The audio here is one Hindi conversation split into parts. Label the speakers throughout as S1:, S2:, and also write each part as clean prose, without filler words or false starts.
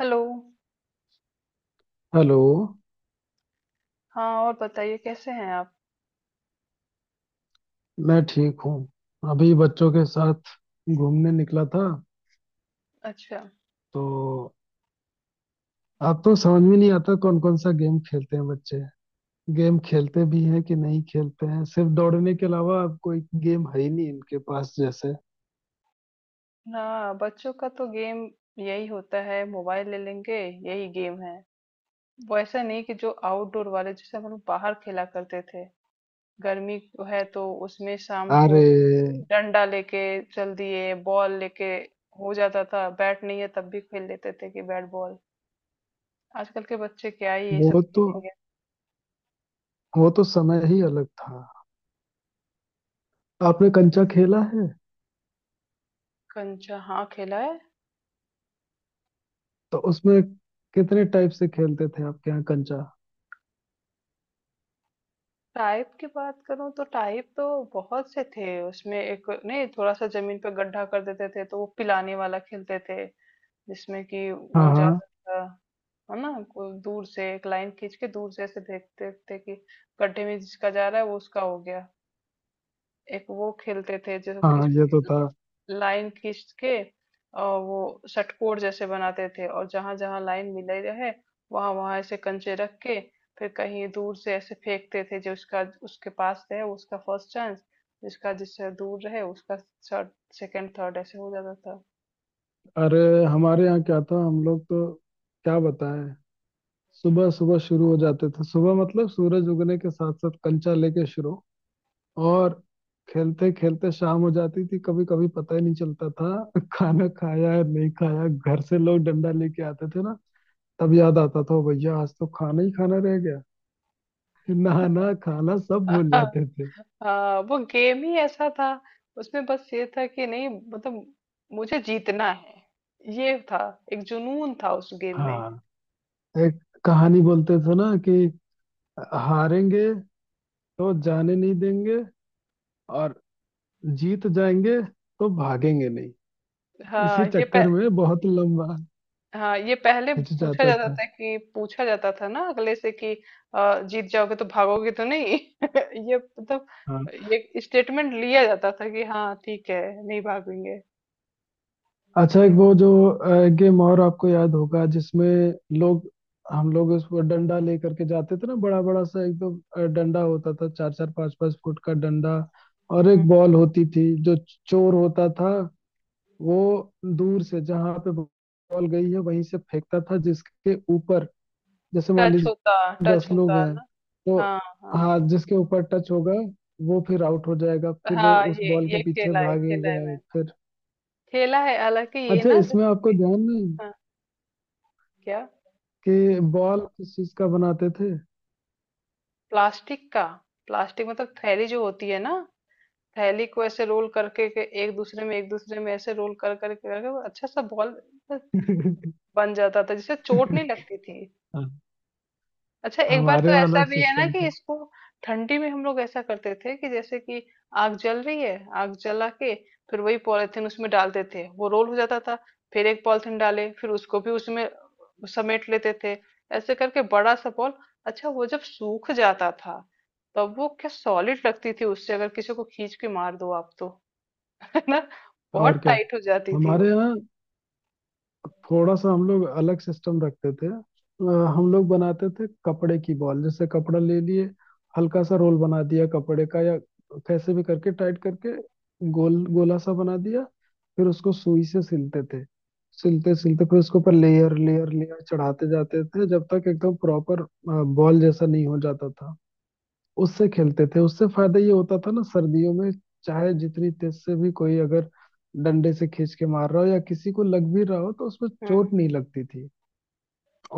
S1: हेलो।
S2: हेलो।
S1: हाँ, और बताइए कैसे हैं आप?
S2: मैं ठीक हूँ। अभी बच्चों के साथ घूमने निकला था।
S1: अच्छा।
S2: तो अब तो समझ में नहीं आता कौन कौन सा गेम खेलते हैं बच्चे। गेम खेलते भी हैं कि नहीं खेलते हैं। सिर्फ दौड़ने के अलावा अब कोई गेम है ही नहीं इनके पास। जैसे
S1: हाँ, बच्चों का तो गेम यही होता है, मोबाइल ले लेंगे, यही गेम है। वो ऐसा नहीं कि जो आउटडोर वाले जैसे हम लोग बाहर खेला करते थे। गर्मी है तो उसमें शाम को
S2: अरे
S1: डंडा लेके चल दिए, बॉल लेके, हो जाता था। बैट नहीं है तब भी खेल लेते थे कि बैट बॉल। आजकल के बच्चे क्या ही ये सब
S2: वो तो
S1: खेलेंगे।
S2: वो तो समय ही अलग था। आपने कंचा खेला है?
S1: कंचा हाँ खेला है।
S2: तो उसमें कितने टाइप से खेलते थे आपके यहाँ कंचा?
S1: टाइप की बात करूं तो टाइप तो बहुत से थे उसमें। एक नहीं, थोड़ा सा जमीन पे गड्ढा कर देते थे तो वो पिलाने वाला खेलते थे, जिसमें कि
S2: हाँ,
S1: वो
S2: हाँ।
S1: जाता था है ना, को दूर से एक लाइन खींच के दूर से ऐसे देखते थे कि गड्ढे में जिसका जा रहा है वो उसका हो गया। एक वो खेलते थे जो किस,
S2: हाँ, ये तो था।
S1: लाइन खींच के, और वो षटकोर जैसे बनाते थे और जहां जहां लाइन मिले रहे वहां वहां ऐसे कंचे रख के फिर कहीं दूर से ऐसे फेंकते थे। जो उसका उसके पास रहे उसका फर्स्ट चांस, जिसका जिससे दूर रहे उसका थर्ड, सेकंड थर्ड ऐसे हो जाता था।
S2: अरे, हमारे यहाँ क्या था? हम लोग तो क्या बताएं। सुबह सुबह शुरू हो जाते थे। सुबह मतलब सूरज उगने के साथ साथ कंचा लेके शुरू। और खेलते खेलते शाम हो जाती थी, कभी कभी पता ही नहीं चलता था। खाना खाया या नहीं खाया। घर से लोग डंडा लेके आते थे ना। तब याद आता था, "ओ भैया, आज तो खाना ही खाना रह गया"। नहाना खाना सब भूल
S1: हाँ।
S2: जाते थे।
S1: हाँ, वो गेम ही ऐसा था। उसमें बस ये था कि नहीं, मतलब मुझे जीतना है, ये था। एक जुनून था उस गेम में।
S2: हाँ। एक कहानी बोलते थे ना कि हारेंगे तो जाने नहीं देंगे। और जीत जाएंगे तो भागेंगे नहीं। इसी
S1: हाँ ये
S2: चक्कर में बहुत लंबा
S1: हाँ, ये पहले पूछा
S2: हिचकिचाता
S1: जाता
S2: था।
S1: था कि पूछा जाता था ना अगले से कि जीत जाओगे तो भागोगे तो नहीं। ये मतलब
S2: हाँ।
S1: ये स्टेटमेंट लिया जाता था कि हाँ ठीक है, नहीं भागेंगे।
S2: अच्छा, एक वो जो गेम और आपको याद होगा जिसमें लोग हम लोग उस पर डंडा लेकर के जाते थे ना। बड़ा बड़ा सा एकदम डंडा होता था। 4-4, 5-5 फुट का डंडा। और
S1: हम्म।
S2: एक बॉल होती थी जो चोर होता था। वो दूर से जहां पे बॉल गई है वहीं से फेंकता था जिसके ऊपर। जैसे मान
S1: टच होता,
S2: लीजिए
S1: टच
S2: 10 लोग
S1: होता
S2: हैं
S1: ना।
S2: तो।
S1: हाँ हाँ।
S2: हाँ, जिसके ऊपर टच होगा वो फिर आउट हो जाएगा। फिर वो
S1: हाँ,
S2: उस बॉल के
S1: ये
S2: पीछे
S1: खेला है, खेला है
S2: भागेगा
S1: मैंने,
S2: फिर।
S1: खेला है। हालांकि ये
S2: अच्छा,
S1: ना
S2: इसमें आपको
S1: जैसे कि
S2: ध्यान नहीं
S1: हाँ, क्या?
S2: कि बॉल किस चीज का बनाते थे?
S1: प्लास्टिक का। प्लास्टिक मतलब थैली जो होती है ना, थैली को ऐसे रोल करके के एक दूसरे में ऐसे रोल कर कर कर कर अच्छा सा बॉल बन जाता था, जिससे चोट नहीं लगती थी।
S2: हाँ,
S1: अच्छा एक बार
S2: हमारे
S1: तो
S2: यहाँ
S1: ऐसा
S2: अलग
S1: भी है ना
S2: सिस्टम
S1: कि
S2: था।
S1: इसको ठंडी में हम लोग ऐसा करते थे कि जैसे कि आग जल रही है, आग जला के फिर वही पॉलिथीन उसमें डालते थे, वो रोल हो जाता था। फिर एक पॉलिथीन डाले फिर उसको भी उसमें समेट लेते थे। ऐसे करके बड़ा सा बॉल। अच्छा वो जब सूख जाता था तब वो क्या सॉलिड लगती थी, उससे अगर किसी को खींच के मार दो आप तो है ना,
S2: और
S1: बहुत
S2: क्या,
S1: टाइट हो जाती थी
S2: हमारे
S1: वो।
S2: यहाँ थोड़ा सा हम लोग अलग सिस्टम रखते थे। हम लोग बनाते थे कपड़े की बॉल। जैसे कपड़ा ले लिए, हल्का सा रोल बना दिया कपड़े का। या कैसे भी करके टाइट करके गोल गोला सा बना दिया। फिर उसको सुई से सिलते थे। सिलते सिलते फिर उसके ऊपर लेयर लेयर लेयर चढ़ाते जाते थे जब तक एकदम प्रॉपर बॉल जैसा नहीं हो जाता था। उससे खेलते थे। उससे फायदा ये होता था ना सर्दियों में, चाहे जितनी तेज से भी कोई अगर डंडे से खींच के मार रहा हो या किसी को लग भी रहा हो तो उसमें
S1: हम्म।
S2: चोट नहीं लगती थी।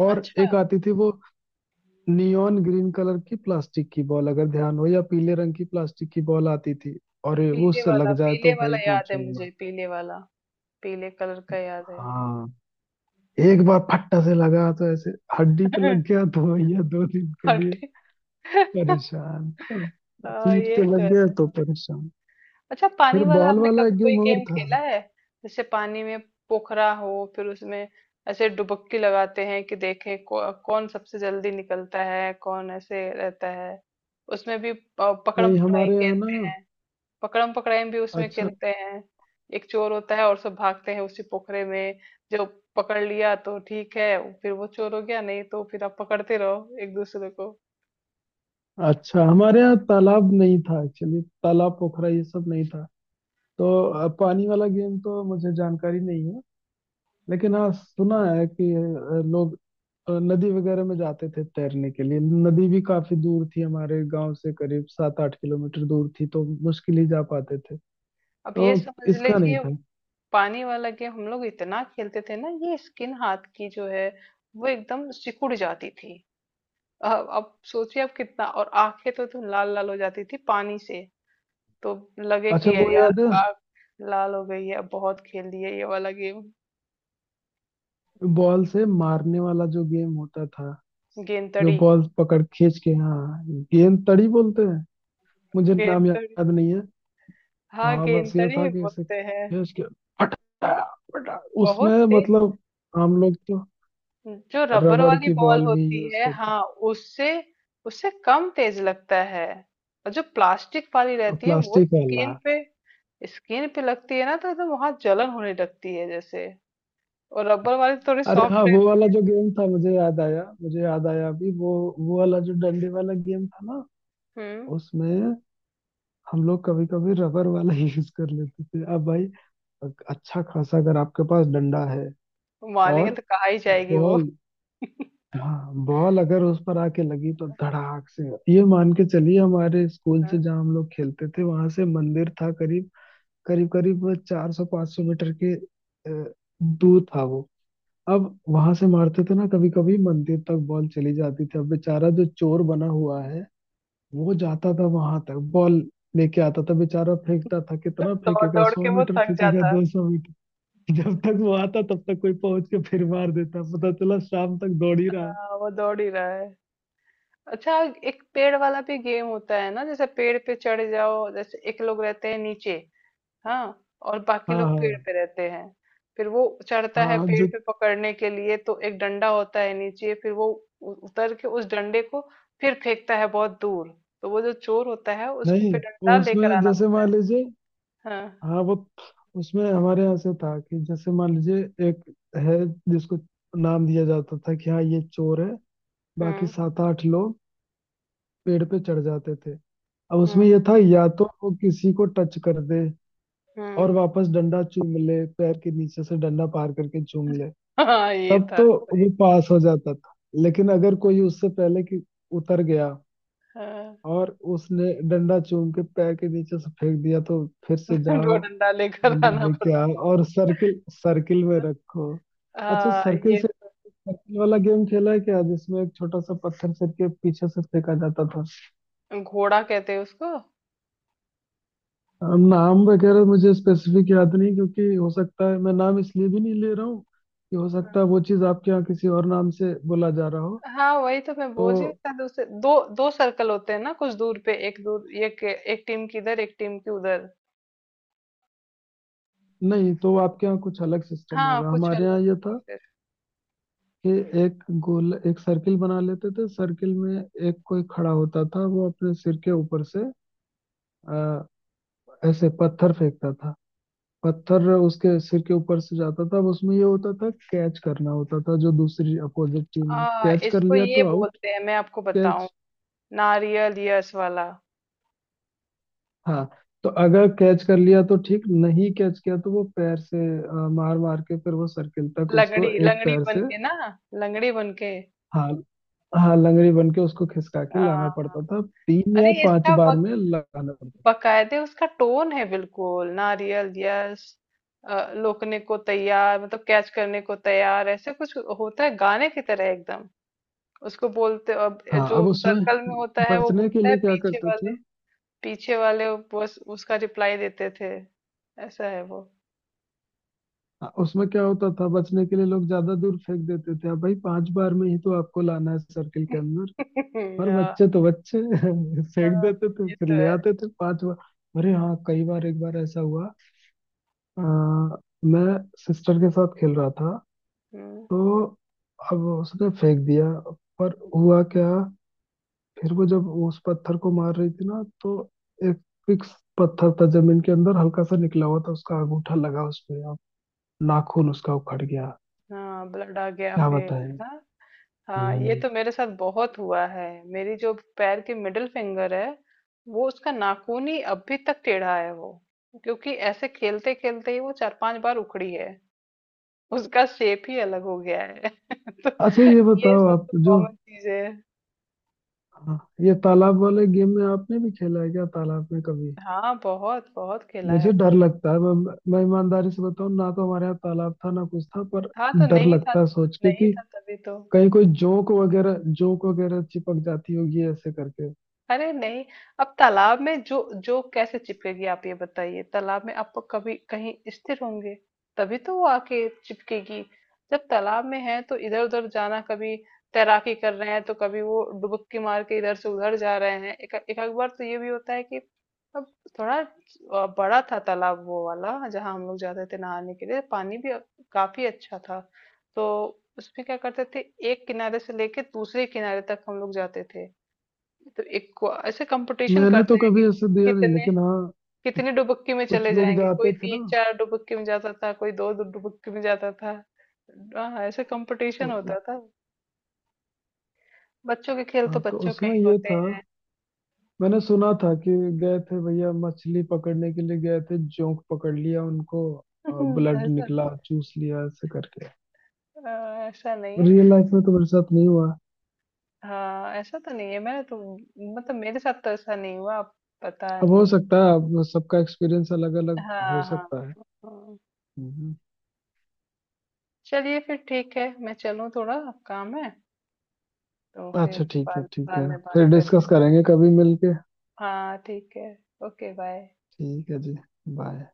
S2: और
S1: अच्छा,
S2: एक आती थी वो नियॉन ग्रीन कलर की प्लास्टिक की बॉल, अगर ध्यान हो, या पीले रंग की प्लास्टिक की बॉल आती थी। और वो
S1: पीले
S2: उससे
S1: वाला,
S2: लग जाए
S1: पीले
S2: तो भाई
S1: वाला याद है
S2: पूछो ही मत।
S1: मुझे, पीले वाला, पीले कलर का याद है।
S2: हाँ, एक बार फट्टा से लगा तो ऐसे हड्डी पे लग गया तो भैया 2 दिन के लिए
S1: हटे।
S2: परेशान।
S1: हाँ,
S2: पीठ
S1: ये
S2: पे
S1: तो
S2: लग गया
S1: है।
S2: तो परेशान।
S1: अच्छा पानी
S2: फिर
S1: वाला
S2: बॉल
S1: आपने
S2: वाला
S1: कभी
S2: एक
S1: कोई
S2: गेम और
S1: गेम
S2: था।
S1: खेला है? जैसे पानी में पोखरा हो फिर उसमें ऐसे डुबक्की लगाते हैं कि देखें कौन सबसे जल्दी निकलता है, कौन ऐसे रहता है। उसमें भी पकड़म
S2: नहीं,
S1: पकड़ाई
S2: हमारे यहाँ ना।
S1: खेलते हैं, पकड़म पकड़ाई भी उसमें
S2: अच्छा,
S1: खेलते हैं। एक चोर होता है और सब भागते हैं उसी पोखरे में। जो पकड़ लिया तो ठीक है, फिर वो चोर हो गया, नहीं तो फिर आप पकड़ते रहो एक दूसरे को।
S2: अच्छा, हमारे यहाँ तालाब नहीं था एक्चुअली। तालाब, पोखरा, ये सब नहीं था। तो पानी वाला गेम तो मुझे जानकारी नहीं है। लेकिन हाँ, सुना है कि लोग नदी वगैरह में जाते थे तैरने के लिए। नदी भी काफी दूर थी हमारे गांव से, करीब 7-8 किलोमीटर दूर थी तो मुश्किल ही जा पाते थे।
S1: अब ये
S2: तो
S1: समझ
S2: इसका नहीं
S1: लीजिए वो
S2: था।
S1: पानी वाला गेम हम लोग इतना खेलते थे ना, ये स्किन हाथ की जो है वो एकदम सिकुड़ जाती थी। अब सोचिए आप कितना। और आंखें तो लाल लाल हो जाती थी पानी से तो लगे
S2: अच्छा,
S1: कि यार
S2: वो
S1: यार
S2: याद है,
S1: आंख लाल हो गई है, अब बहुत खेल लिए ये वाला गेम।
S2: बॉल से मारने वाला जो गेम होता था,
S1: गेंद
S2: जो
S1: तड़ी।
S2: बॉल पकड़ खींच के। हाँ, गेंद तड़ी बोलते हैं। मुझे
S1: गेंद
S2: नाम
S1: तड़ी
S2: याद नहीं है।
S1: हाँ,
S2: हाँ, बस ये
S1: गेंदड़ी
S2: था
S1: ही
S2: कि इसे
S1: बोलते हैं।
S2: कैच किया। फटा फटा,
S1: बहुत
S2: उसमें
S1: तेज।
S2: मतलब हम लोग तो
S1: जो रबर
S2: रबड़
S1: वाली
S2: की
S1: बॉल
S2: बॉल भी
S1: होती
S2: यूज
S1: है
S2: करते।
S1: हाँ, उससे उससे कम तेज लगता है। और जो प्लास्टिक वाली
S2: अब
S1: रहती है वो
S2: प्लास्टिक वाला।
S1: स्किन पे, स्किन पे लगती है ना तो एकदम वहां जलन होने लगती है जैसे, और रबर वाली तो थोड़ी
S2: अरे हाँ,
S1: सॉफ्ट
S2: वो
S1: रहती
S2: वाला
S1: है।
S2: जो गेम था, मुझे याद आया, मुझे याद आया अभी। वो वाला जो डंडे वाला गेम था ना।
S1: हम्म।
S2: उसमें हम लोग कभी कभी रबर वाला ही यूज कर लेते थे। अब भाई, अच्छा खासा अगर आपके पास डंडा है
S1: मारेंगे
S2: और
S1: तो कहा ही जाएगी वो।
S2: बॉल, हाँ, बॉल अगर उस पर आके लगी तो धड़ाक से। ये मान के चलिए हमारे स्कूल से, जहाँ हम लोग खेलते थे, वहां से मंदिर था करीब करीब करीब 400-500 मीटर के दूर था वो। अब वहां से मारते थे ना, कभी कभी मंदिर तक बॉल चली जाती थी। अब बेचारा जो चोर बना हुआ है, वो जाता था वहां तक, बॉल लेके आता था बेचारा, फेंकता था। कितना
S1: दौड़
S2: फेंकेगा?
S1: दौड़ के
S2: सौ
S1: वो
S2: मीटर
S1: थक
S2: फेंकेगा,
S1: जाता है।
S2: 200 मीटर। जब तक वो आता तब तक कोई पहुंच के फिर मार देता। पता चला शाम तक दौड़ ही रहा है।
S1: हाँ वो दौड़ ही रहा है। अच्छा एक पेड़ वाला भी गेम होता है ना, जैसे पेड़ पे चढ़ जाओ, जैसे एक लोग रहते हैं नीचे, हाँ, और बाकी
S2: हाँ,
S1: लोग पेड़
S2: हाँ,
S1: पे रहते हैं। फिर वो चढ़ता है
S2: हाँ,
S1: पेड़
S2: जो
S1: पे पकड़ने के लिए, तो एक डंडा होता है नीचे, फिर वो उतर के उस डंडे को फिर फेंकता है बहुत दूर। तो वो जो चोर होता है उसको
S2: नहीं।
S1: फिर डंडा
S2: वो
S1: लेकर
S2: उसमें
S1: आना
S2: जैसे
S1: होता है।
S2: मान लीजिए,
S1: हाँ।
S2: हाँ, वो उसमें हमारे यहाँ से था कि जैसे मान लीजिए एक है जिसको नाम दिया जाता था कि हाँ, ये चोर है। बाकी
S1: हम्म।
S2: 7-8 लोग पेड़ पे चढ़ जाते थे। अब उसमें
S1: हम्म।
S2: ये था, या तो वो किसी को टच कर दे और
S1: हम्म।
S2: वापस डंडा चूम ले, पैर के नीचे से डंडा पार करके चूम ले,
S1: हाँ ये
S2: तब
S1: था
S2: तो
S1: सही।
S2: वो पास हो जाता था। लेकिन अगर कोई उससे पहले कि उतर गया
S1: हाँ,
S2: और उसने डंडा चूम के पैर के नीचे से फेंक दिया तो फिर से
S1: दो
S2: जाओ,
S1: डंडा लेकर
S2: डंडा
S1: आना
S2: लेके
S1: पड़ता
S2: आओ और सर्किल सर्किल में
S1: है।
S2: रखो। अच्छा,
S1: हाँ
S2: सर्किल
S1: ये
S2: से सर्किल वाला गेम खेला है क्या जिसमें एक छोटा सा पत्थर सर के पीछे से फेंका जाता था?
S1: घोड़ा कहते हैं उसको।
S2: नाम वगैरह मुझे स्पेसिफिक याद नहीं, क्योंकि हो सकता है, मैं नाम इसलिए भी नहीं ले रहा हूँ कि हो सकता है
S1: हाँ।
S2: वो चीज़ आपके यहाँ किसी और नाम से बोला जा रहा हो।
S1: हाँ वही तो मैं
S2: तो
S1: बोल रही हूँ। शायद उसे दो दो सर्कल होते हैं ना, कुछ दूर पे, एक दूर, एक एक टीम की इधर एक टीम की उधर।
S2: नहीं तो आपके यहाँ कुछ अलग सिस्टम
S1: हाँ
S2: होगा।
S1: कुछ
S2: हमारे
S1: अलग
S2: यहाँ ये
S1: होगा
S2: था
S1: फिर।
S2: कि एक गोल, एक सर्किल बना लेते थे। सर्किल में एक कोई खड़ा होता था, वो अपने सिर के ऊपर से आ, ऐसे पत्थर फेंकता था। पत्थर उसके सिर के ऊपर से जाता था। अब उसमें ये होता था, कैच करना होता था। जो दूसरी अपोजिट टीम ने
S1: हाँ
S2: कैच कर
S1: इसको
S2: लिया
S1: ये
S2: तो आउट।
S1: बोलते हैं, मैं आपको बताऊं,
S2: कैच,
S1: नारियल यस वाला।
S2: हाँ। तो अगर कैच कर लिया तो ठीक, नहीं कैच किया तो वो पैर से मार मार के फिर वो सर्किल तक उसको
S1: लंगड़ी,
S2: एक
S1: लंगड़ी
S2: पैर
S1: बन
S2: से,
S1: के ना, लंगड़ी बन के।
S2: हाँ, हाँ, लंगड़ी बन के उसको खिसका के
S1: हाँ।
S2: लाना पड़ता था। तीन या
S1: अरे
S2: पांच
S1: इसका
S2: बार में लगाना पड़ता था।
S1: बकायदे उसका टोन है, बिल्कुल नारियल यस, लोकने को तैयार, मतलब कैच करने को तैयार, ऐसे कुछ होता है गाने की तरह एकदम। उसको बोलते अब
S2: हाँ,
S1: जो
S2: अब उसमें
S1: सर्कल में होता है वो
S2: बचने के
S1: बोलता है
S2: लिए क्या
S1: पीछे
S2: करते
S1: वाले,
S2: थे।
S1: पीछे वाले, बस उसका रिप्लाई देते थे। ऐसा है वो।
S2: उसमें क्या होता था, बचने के लिए लोग ज्यादा दूर फेंक देते थे। अब भाई, 5 बार में ही तो आपको लाना है सर्किल के अंदर। पर
S1: हाँ।
S2: बच्चे तो बच्चे फेंक
S1: हाँ,
S2: देते थे
S1: ये
S2: फिर
S1: तो
S2: ले
S1: है।
S2: आते थे 5 बार। अरे हाँ, कई बार। एक बार ऐसा हुआ, अ, मैं सिस्टर के साथ खेल रहा था।
S1: हम्म,
S2: तो अब उसने फेंक दिया, पर हुआ क्या, फिर वो जब उस पत्थर को मार रही थी ना, तो एक फिक्स पत्थर था जमीन के अंदर हल्का सा निकला हुआ था, उसका अंगूठा लगा उसपे। नाखून उसका उखड़ गया।
S1: हाँ ब्लड आ गया
S2: क्या
S1: फिर है
S2: बताएं।
S1: ना। हाँ ये
S2: हम्म।
S1: तो मेरे साथ बहुत हुआ है। मेरी जो पैर की मिडिल फिंगर है वो उसका नाखून ही अभी तक टेढ़ा है वो, क्योंकि ऐसे खेलते खेलते ही वो चार पांच बार उखड़ी है, उसका शेप ही अलग हो गया है। तो
S2: अच्छा, ये
S1: ये
S2: बताओ
S1: सब
S2: आप
S1: तो
S2: जो,
S1: कॉमन चीज है।
S2: हाँ, ये तालाब वाले गेम में आपने भी खेला है क्या, तालाब में कभी?
S1: हाँ बहुत बहुत खेला है।
S2: मुझे डर लगता है, मैं ईमानदारी से बताऊं ना तो हमारे यहाँ तालाब था ना कुछ था, पर
S1: हाँ तो
S2: डर
S1: नहीं था,
S2: लगता है सोच के
S1: नहीं
S2: कि
S1: था तभी तो।
S2: कहीं कोई जोंक वगैरह, जोंक वगैरह चिपक जाती होगी ऐसे करके।
S1: अरे नहीं, अब तालाब में जो जो कैसे चिपकेगी? आप ये बताइए, तालाब में आप कभी कहीं स्थिर होंगे तभी तो वो आके चिपकेगी। जब तालाब में है तो इधर उधर जाना, कभी तैराकी कर रहे हैं तो कभी वो डुबकी मार के इधर से उधर जा रहे हैं। एक एक आध बार तो ये भी होता है कि अब थोड़ा बड़ा था तालाब वो वाला जहाँ हम लोग जाते थे नहाने के लिए, पानी भी काफी अच्छा था, तो उसमें क्या करते थे, एक किनारे से लेके दूसरे किनारे तक हम लोग जाते थे। तो एक ऐसे कंपटीशन
S2: मैंने तो
S1: करते हैं कि
S2: कभी ऐसे दिया नहीं,
S1: कितने,
S2: लेकिन हाँ।
S1: कितनी डुबक्की में
S2: कुछ
S1: चले
S2: लोग
S1: जाएंगे, कोई
S2: जाते थे ना
S1: 3 4 डुबक्की में जाता था, कोई 2 2 डुबक्की में जाता था। हाँ ऐसे कंपटीशन
S2: तो।
S1: होता था। बच्चों के खेल तो
S2: हाँ, तो
S1: बच्चों के
S2: उसमें
S1: ही
S2: ये
S1: होते
S2: था,
S1: हैं।
S2: मैंने सुना था कि गए थे भैया मछली पकड़ने के लिए, गए थे, जोंक पकड़ लिया उनको, ब्लड
S1: ऐसा?
S2: निकला, चूस लिया ऐसे करके।
S1: ऐसा नहीं है,
S2: रियल लाइफ में तो मेरे साथ नहीं हुआ।
S1: हाँ ऐसा तो नहीं है, मैंने तो, मतलब मेरे साथ तो ऐसा नहीं हुआ, पता
S2: अब हो
S1: नहीं।
S2: सकता है, अब सबका एक्सपीरियंस अलग अलग हो
S1: हाँ हाँ।
S2: सकता है।
S1: हाँ।
S2: हम्म।
S1: चलिए फिर ठीक है, मैं चलूँ थोड़ा, काम है, तो फिर
S2: अच्छा, ठीक है,
S1: बाद,
S2: ठीक
S1: बाद
S2: है,
S1: में बात
S2: फिर
S1: करते।
S2: डिस्कस करेंगे कभी मिलके।
S1: हाँ, ठीक है। Okay, bye.
S2: ठीक है जी। बाय।